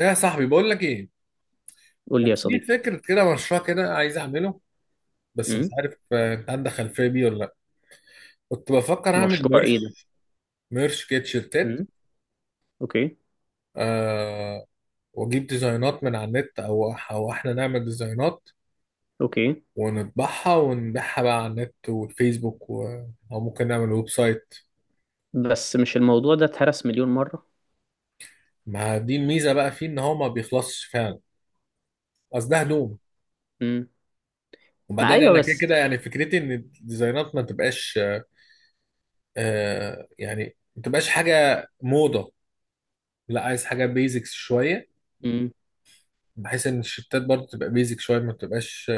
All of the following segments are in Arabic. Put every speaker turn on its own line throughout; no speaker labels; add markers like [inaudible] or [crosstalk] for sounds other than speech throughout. ايه يا صاحبي، بقول لك ايه؟
قول لي
كان
يا
في
صديقي.
فكره كده، مشروع كده عايز اعمله. بس مش
امم.
عارف، انت عندك خلفيه بيه ولا لا؟ كنت بفكر اعمل
مشروع ايه ده؟
ميرش. ميرش كده، تيشيرتات.
امم. اوكي،
آه، واجيب ديزاينات من على النت او احنا نعمل ديزاينات،
اوكي.
ونطبعها ونبيعها بقى على النت والفيسبوك و او ممكن نعمل ويب سايت.
بس مش الموضوع ده اتهرس مليون مرة؟
ما دي الميزه بقى، فيه ان هو ما بيخلصش فعلا. اصل ده هدوم.
امم ما،
وبعدين
ايوه
انا كده
بس.
كده يعني فكرتي ان الديزاينات ما تبقاش. آه، يعني ما تبقاش حاجه موضه. لا، عايز حاجه بيزكس شويه.
امم
بحيث ان الشتات برضه تبقى بيزك شويه، ما تبقاش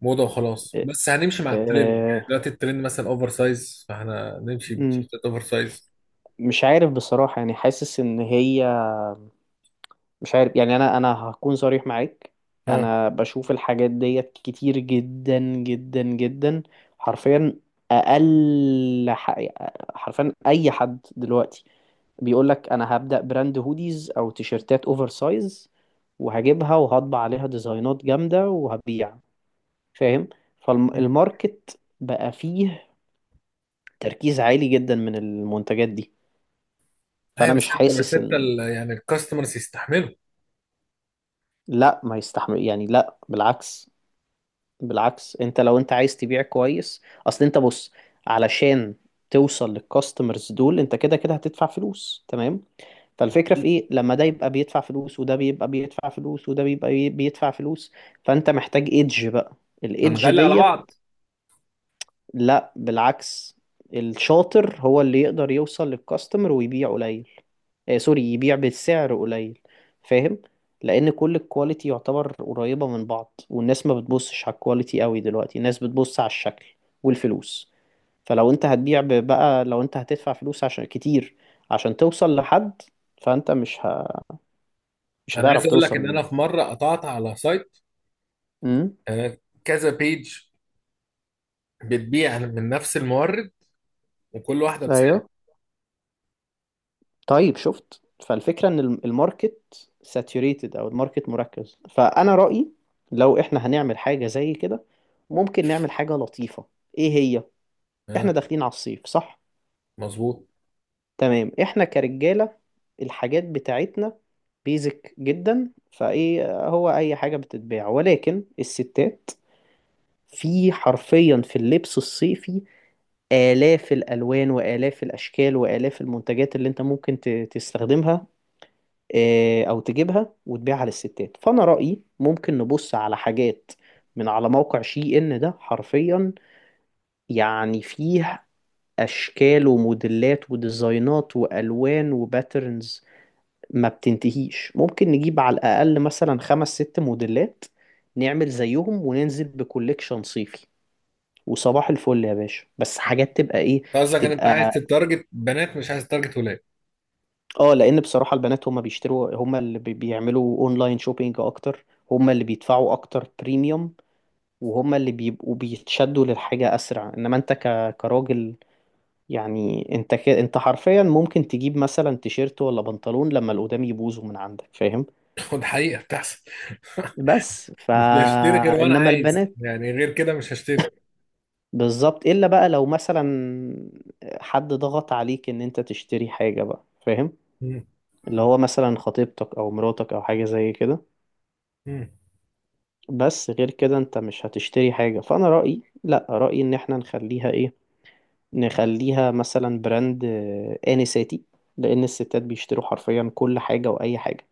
موضه وخلاص، بس هنمشي مع الترند.
آه،
يعني دلوقتي الترند مثلا اوفر سايز، فاحنا نمشي
مم.
بشتات اوفر سايز.
مش عارف بصراحة، يعني حاسس ان هي... مش عارف، يعني انا هكون صريح معاك.
ها.
انا بشوف الحاجات ديت كتير جدا جدا جدا، حرفيا. اقل ح- حرفيا اي حد دلوقتي بيقول لك انا هبدأ براند هوديز او تيشرتات اوفر سايز، وهجيبها وهطبع عليها ديزاينات جامدة وهبيع، فاهم. فالماركت بقى فيه تركيز عالي جدا من المنتجات دي، فانا
ايوه، بس
مش
انت بس
حاسس
انت
ان...
يعني الكاستمرز يستحملوا؟
لا، ما يستحمل يعني، لا بالعكس. بالعكس، انت لو انت عايز تبيع كويس اصل انت بص، علشان توصل للكاستمرز دول انت كده كده هتدفع فلوس، تمام. فالفكرة في ايه لما ده يبقى بيدفع فلوس، وده بيبقى بيدفع فلوس، وده بيبقى بيدفع فلوس، فانت محتاج ايدج بقى، الايدج
هنغلي على
ديت.
بعض؟
لا بالعكس، الشاطر هو اللي يقدر يوصل للكاستمر ويبيع قليل. آه سوري، يبيع بسعر قليل، فاهم. لان كل الكواليتي يعتبر قريبة من بعض، والناس ما بتبصش على الكواليتي قوي دلوقتي، الناس بتبص على الشكل والفلوس. فلو انت هتبيع بقى لو انت هتدفع فلوس عشان كتير، عشان توصل لحد، فانت مش
انا عايز
هتعرف
اقول لك ان
توصل.
انا في مره قطعت على سايت.
امم.
آه، كذا بيج بتبيع من نفس المورد، وكل واحده
ايوه.
بسعر.
طيب، شفت. فالفكرة ان الماركت ساتوريتد او الماركت مركز. فانا رأيي لو احنا هنعمل حاجة زي كده، ممكن نعمل حاجة لطيفة. ايه هي؟ احنا
اه،
داخلين على الصيف، صح؟
مظبوط.
تمام. احنا كرجالة الحاجات بتاعتنا بيزك جدا، فايه هو اي حاجة بتتباع، ولكن الستات، في حرفيا في اللبس الصيفي آلاف الألوان وآلاف الأشكال وآلاف المنتجات اللي أنت ممكن تستخدمها، أو تجيبها وتبيعها للستات. فأنا رأيي ممكن نبص على حاجات من على موقع شي إن، ده حرفيا يعني فيه أشكال وموديلات وديزاينات وألوان وباترنز ما بتنتهيش. ممكن نجيب على الأقل مثلا خمس ست موديلات، نعمل زيهم وننزل بكوليكشن صيفي، وصباح الفل يا باشا. بس حاجات تبقى إيه؟
أنت قصدك ان انت عايز
تبقى
تتارجت بنات، مش عايز تتارجت ولاد؟
اه، لان بصراحه البنات هم بيشتروا، هم اللي بيعملوا اونلاين شوبينج اكتر، هم اللي بيدفعوا اكتر بريميوم، وهم اللي بيبقوا بيتشدوا للحاجه اسرع. انما انت كراجل، يعني انت انت حرفيا ممكن تجيب مثلا تيشيرت ولا بنطلون لما اللي قدام يبوظوا من عندك، فاهم.
[laughs] وده حقيقه بتحصل [laughs]
بس فا...
مش هشتري غير وانا
انما
عايز،
البنات،
يعني غير كده مش هشتري.
بالظبط. الا بقى لو مثلا حد ضغط عليك ان انت تشتري حاجه بقى، فاهم.
مم.
اللي هو مثلا خطيبتك او مراتك او حاجه زي كده.
مم.
بس غير كده انت مش هتشتري حاجة. فانا رأيي، لا رأيي ان احنا نخليها ايه، نخليها مثلا براند انساتي، لان الستات بيشتروا حرفيا كل حاجة واي حاجة.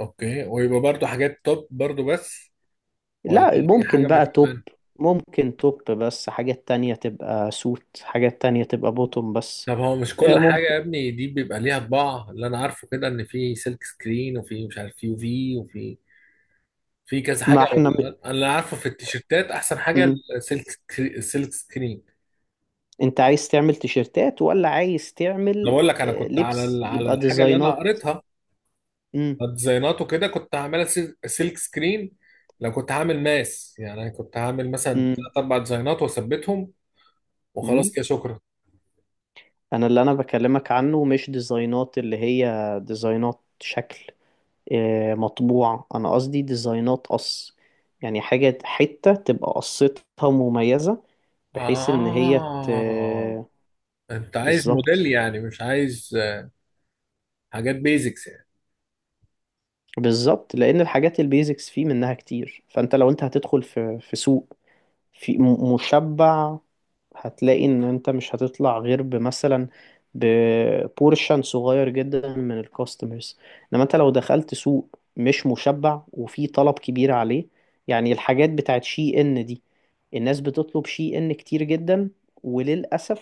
اوكي، ويبقى برضو حاجات توب برضو بس؟ ولا
لا،
اي
ممكن
حاجه ما
بقى
تيجي
توب،
معانا؟
ممكن توب بس، حاجات تانية تبقى سوت، حاجات تانية تبقى بوتوم بس.
طب هو مش كل حاجه
ممكن.
يا ابني دي بيبقى ليها طباع؟ اللي انا عارفه كده ان في سلك سكرين، وفي مش عارف يو في، وفي في كذا حاجه.
ما احنا
انا اللي عارفه في التيشيرتات احسن حاجه
م.
السلك السلك سكرين.
انت عايز تعمل تيشيرتات ولا عايز
انا
تعمل
بقول لك، انا كنت على
لبس
على
يبقى
الحاجه اللي انا
ديزاينات؟
قريتها.
م.
ديزاينات وكده كنت هعملها سلك سكرين. لو كنت هعمل ماس، يعني كنت هعمل مثلا
م.
ثلاث اربع ديزاينات واثبتهم.
م.
وخلاص كده، شكرا.
انا اللي انا بكلمك عنه مش ديزاينات اللي هي ديزاينات شكل، مطبوع، انا قصدي ديزاينات قص. يعني حاجة حتة تبقى قصتها مميزة، بحيث ان هي...
اه، انت عايز موديل
بالظبط.
يعني مش عايز حاجات بيزكس يعني؟
بالظبط، لان الحاجات البيزكس فيه منها كتير. فانت لو انت هتدخل في سوق مشبع، هتلاقي ان انت مش هتطلع غير بمثلا ببورشن صغير جدا من الكاستمرز. انما انت لو دخلت سوق مش مشبع وفي طلب كبير عليه. يعني الحاجات بتاعت شي ان دي، الناس بتطلب شي ان كتير جدا. وللأسف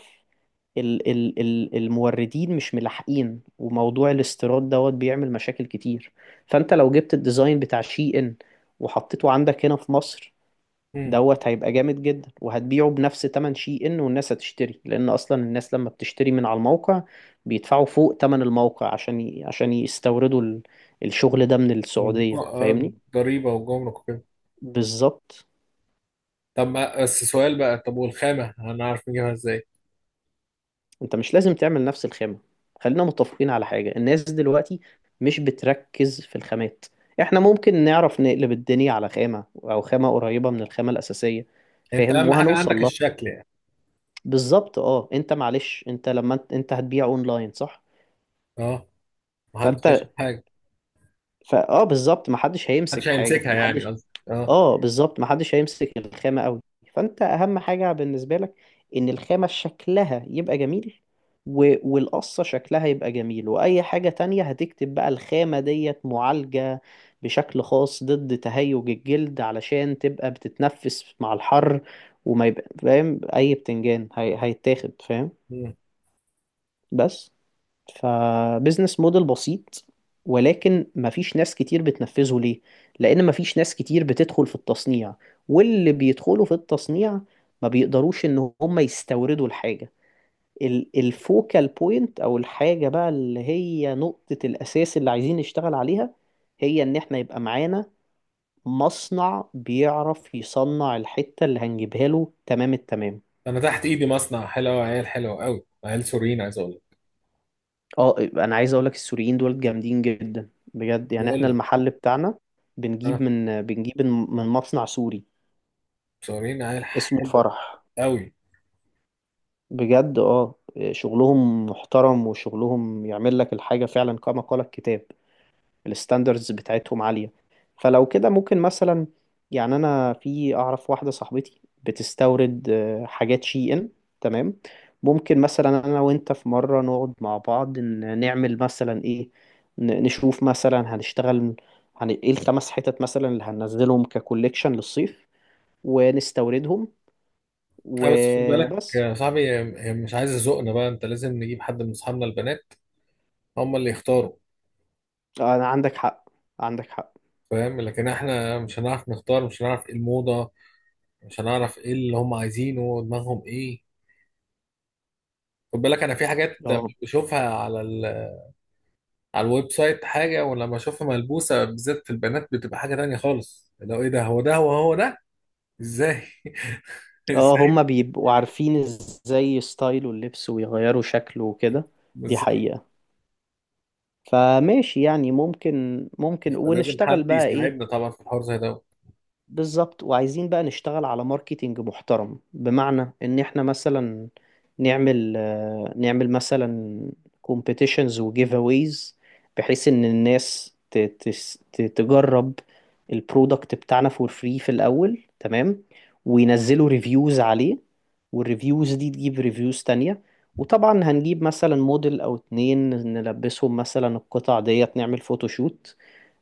ال ال ال الموردين مش ملاحقين، وموضوع الاستيراد دوت بيعمل مشاكل كتير. فانت لو جبت الديزاين بتاع شي ان وحطيته عندك هنا في مصر،
امم.
دوت هيبقى جامد جدا. وهتبيعه بنفس تمن شي ان، والناس هتشتري، لان اصلا الناس لما بتشتري من على الموقع بيدفعوا فوق تمن الموقع عشان عشان يستوردوا الشغل ده من السعودية،
آه،
فاهمني.
ضريبه وجمرك وكده.
بالظبط.
طب ما بس سؤال بقى. طب والخامه هنعرف نجيبها ازاي؟
انت مش لازم تعمل نفس الخامة. خلينا متفقين على حاجة، الناس دلوقتي مش بتركز في الخامات. احنا ممكن نعرف نقلب الدنيا على خامة او خامة قريبة من الخامة الأساسية،
انت
فاهم،
اهم حاجه
وهنوصل
عندك
لها.
الشكل يعني؟
بالظبط اه. انت معلش انت لما انت هتبيع اونلاين، صح.
اه، محدش هيشوف
فانت،
حاجه.
فاه، بالظبط، ما حدش
محدش
هيمسك حاجه،
هيمسكها،
ما
يعني
حدش.
قصدي اه.
اه بالظبط، ما حدش هيمسك الخامه قوي. فانت اهم حاجه بالنسبه لك ان الخامه شكلها يبقى جميل، والقصه شكلها يبقى جميل. واي حاجه تانية هتكتب بقى الخامه ديت معالجه بشكل خاص ضد تهيج الجلد علشان تبقى بتتنفس مع الحر، وما يبقى فاهم اي بتنجان هيتاخد، فاهم،
مم.
بس. فبزنس موديل بسيط، ولكن مفيش ناس كتير بتنفذه، ليه؟ لأن مفيش ناس كتير بتدخل في التصنيع، واللي بيدخلوا في التصنيع ما بيقدروش إن هم يستوردوا الحاجة. الفوكال بوينت أو الحاجة بقى اللي هي نقطة الأساس اللي عايزين نشتغل عليها، هي إن إحنا يبقى معانا مصنع بيعرف يصنع الحتة اللي هنجيبها له تمام التمام.
انا تحت ايدي مصنع حلو، عيال حلوه قوي، عيال سوريين، عايز اقول لك.
اه، انا عايز اقول لك السوريين دول جامدين جدا بجد. يعني
بقول
احنا
لك
المحل بتاعنا بنجيب
اه.
من بنجيب من مصنع سوري
مصورين عيال
اسمه
حلوه
فرح،
قوي.
بجد. اه، شغلهم محترم وشغلهم يعمل لك الحاجة فعلا كما قال الكتاب. الستاندردز بتاعتهم عالية. فلو كده ممكن مثلا، يعني انا في اعرف واحدة صاحبتي بتستورد حاجات شي ان، تمام. ممكن مثلا انا وانت في مرة نقعد مع بعض نعمل مثلا ايه، نشوف مثلا هنشتغل ايه الخمس حتت مثلا اللي هننزلهم ككوليكشن للصيف، ونستوردهم،
اه، بس خد بالك
وبس.
يا صاحبي، هي مش عايزه ذوقنا بقى. انت لازم نجيب حد من اصحابنا البنات، هم اللي يختاروا.
انا عندك حق، عندك حق.
فاهم؟ لكن احنا مش هنعرف نختار، مش هنعرف ايه الموضه. مش هنعرف ايه اللي هم عايزينه، دماغهم ايه. خد بالك، انا في حاجات لما
اه،
بشوفها على الويب سايت حاجه، ولما اشوفها ملبوسه بالذات في البنات بتبقى حاجه تانية خالص. لو ايه ده، هو ده، هو ده. ازاي؟ [laughs]
اه، هما
ازاي؟
بيبقوا عارفين ازاي ستايله اللبس ويغيروا شكله وكده، دي
بالظبط،
حقيقة. فماشي يعني، ممكن ممكن،
فلازم
ونشتغل
حد
بقى ايه.
يساعدنا طبعا في الحوار زي ده.
بالظبط، وعايزين بقى نشتغل على ماركتينج محترم، بمعنى ان احنا مثلا نعمل نعمل مثلا كومبيتيشنز وجيف اويز، بحيث ان الناس تجرب البرودكت بتاعنا فور فري في الاول، تمام. وينزلوا ريفيوز عليه، والريفيوز دي تجيب ريفيوز تانية. وطبعا هنجيب مثلا موديل او اتنين نلبسهم مثلا القطع ديت، نعمل فوتوشوت،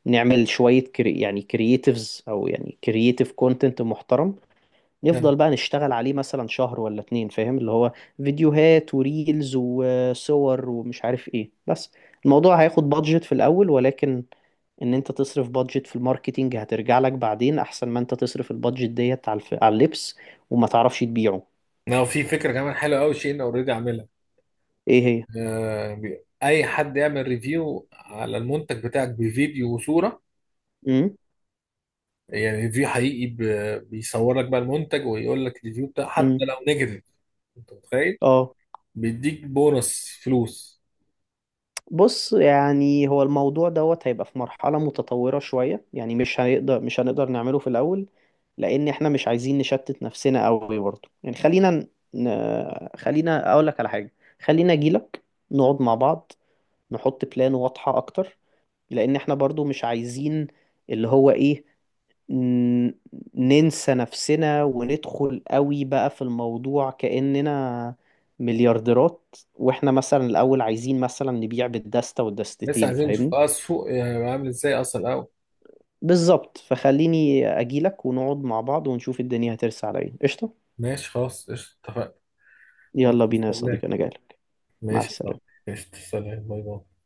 نعمل شوية كري، يعني كرييتيفز، أو يعني كرييتيف كونتنت محترم.
آه،
نفضل بقى نشتغل عليه مثلا شهر ولا اتنين، فاهم، اللي هو فيديوهات وريلز وصور ومش عارف ايه، بس. الموضوع هياخد بادجت في الأول، ولكن إن أنت تصرف بادجت في الماركتينج هترجع لك بعدين، أحسن ما أنت تصرف البادجت ديت على على اللبس وما تعرفش تبيعه.
لو في فكرة كمان حلوة أوي، شيء أنا أوريدي عاملها.
ايه هي؟
آه، أي حد يعمل ريفيو على المنتج بتاعك بفيديو وصورة.
امم.
يعني ريفيو حقيقي، بيصور لك بقى المنتج، ويقول لك الريفيو بتاع،
امم.
حتى لو نيجاتيف. أنت متخيل؟
اه.
بيديك بونص فلوس.
بص، يعني هو الموضوع دوت هيبقى في مرحلة متطورة شوية، يعني مش هنقدر، مش هنقدر نعمله في الأول. لأن احنا مش عايزين نشتت نفسنا قوي برضه. يعني خلينا ن... خلينا أقول لك على حاجة، خلينا أجيلك. نقعد مع بعض، نحط بلان واضحة أكتر. لأن احنا برضه مش عايزين اللي هو إيه، ن- ننسى نفسنا وندخل قوي بقى في الموضوع، كأننا مليارديرات. واحنا مثلا الأول عايزين مثلا نبيع بالدستة
لسه
والدستتين،
عايزين نشوف
فاهمني.
بقى السوق، يعني عامل إزاي أصلا الأول.
بالظبط، فخليني أجيلك ونقعد مع بعض ونشوف الدنيا هترسى على ايه. قشطة.
ماشي، خلاص، قشطة، اتفقنا. خلاص،
يلا بينا يا صديقي
استناك.
أنا جايلك. مع
ماشي، صح.
السلامة.
قشطة، سلام، باي باي.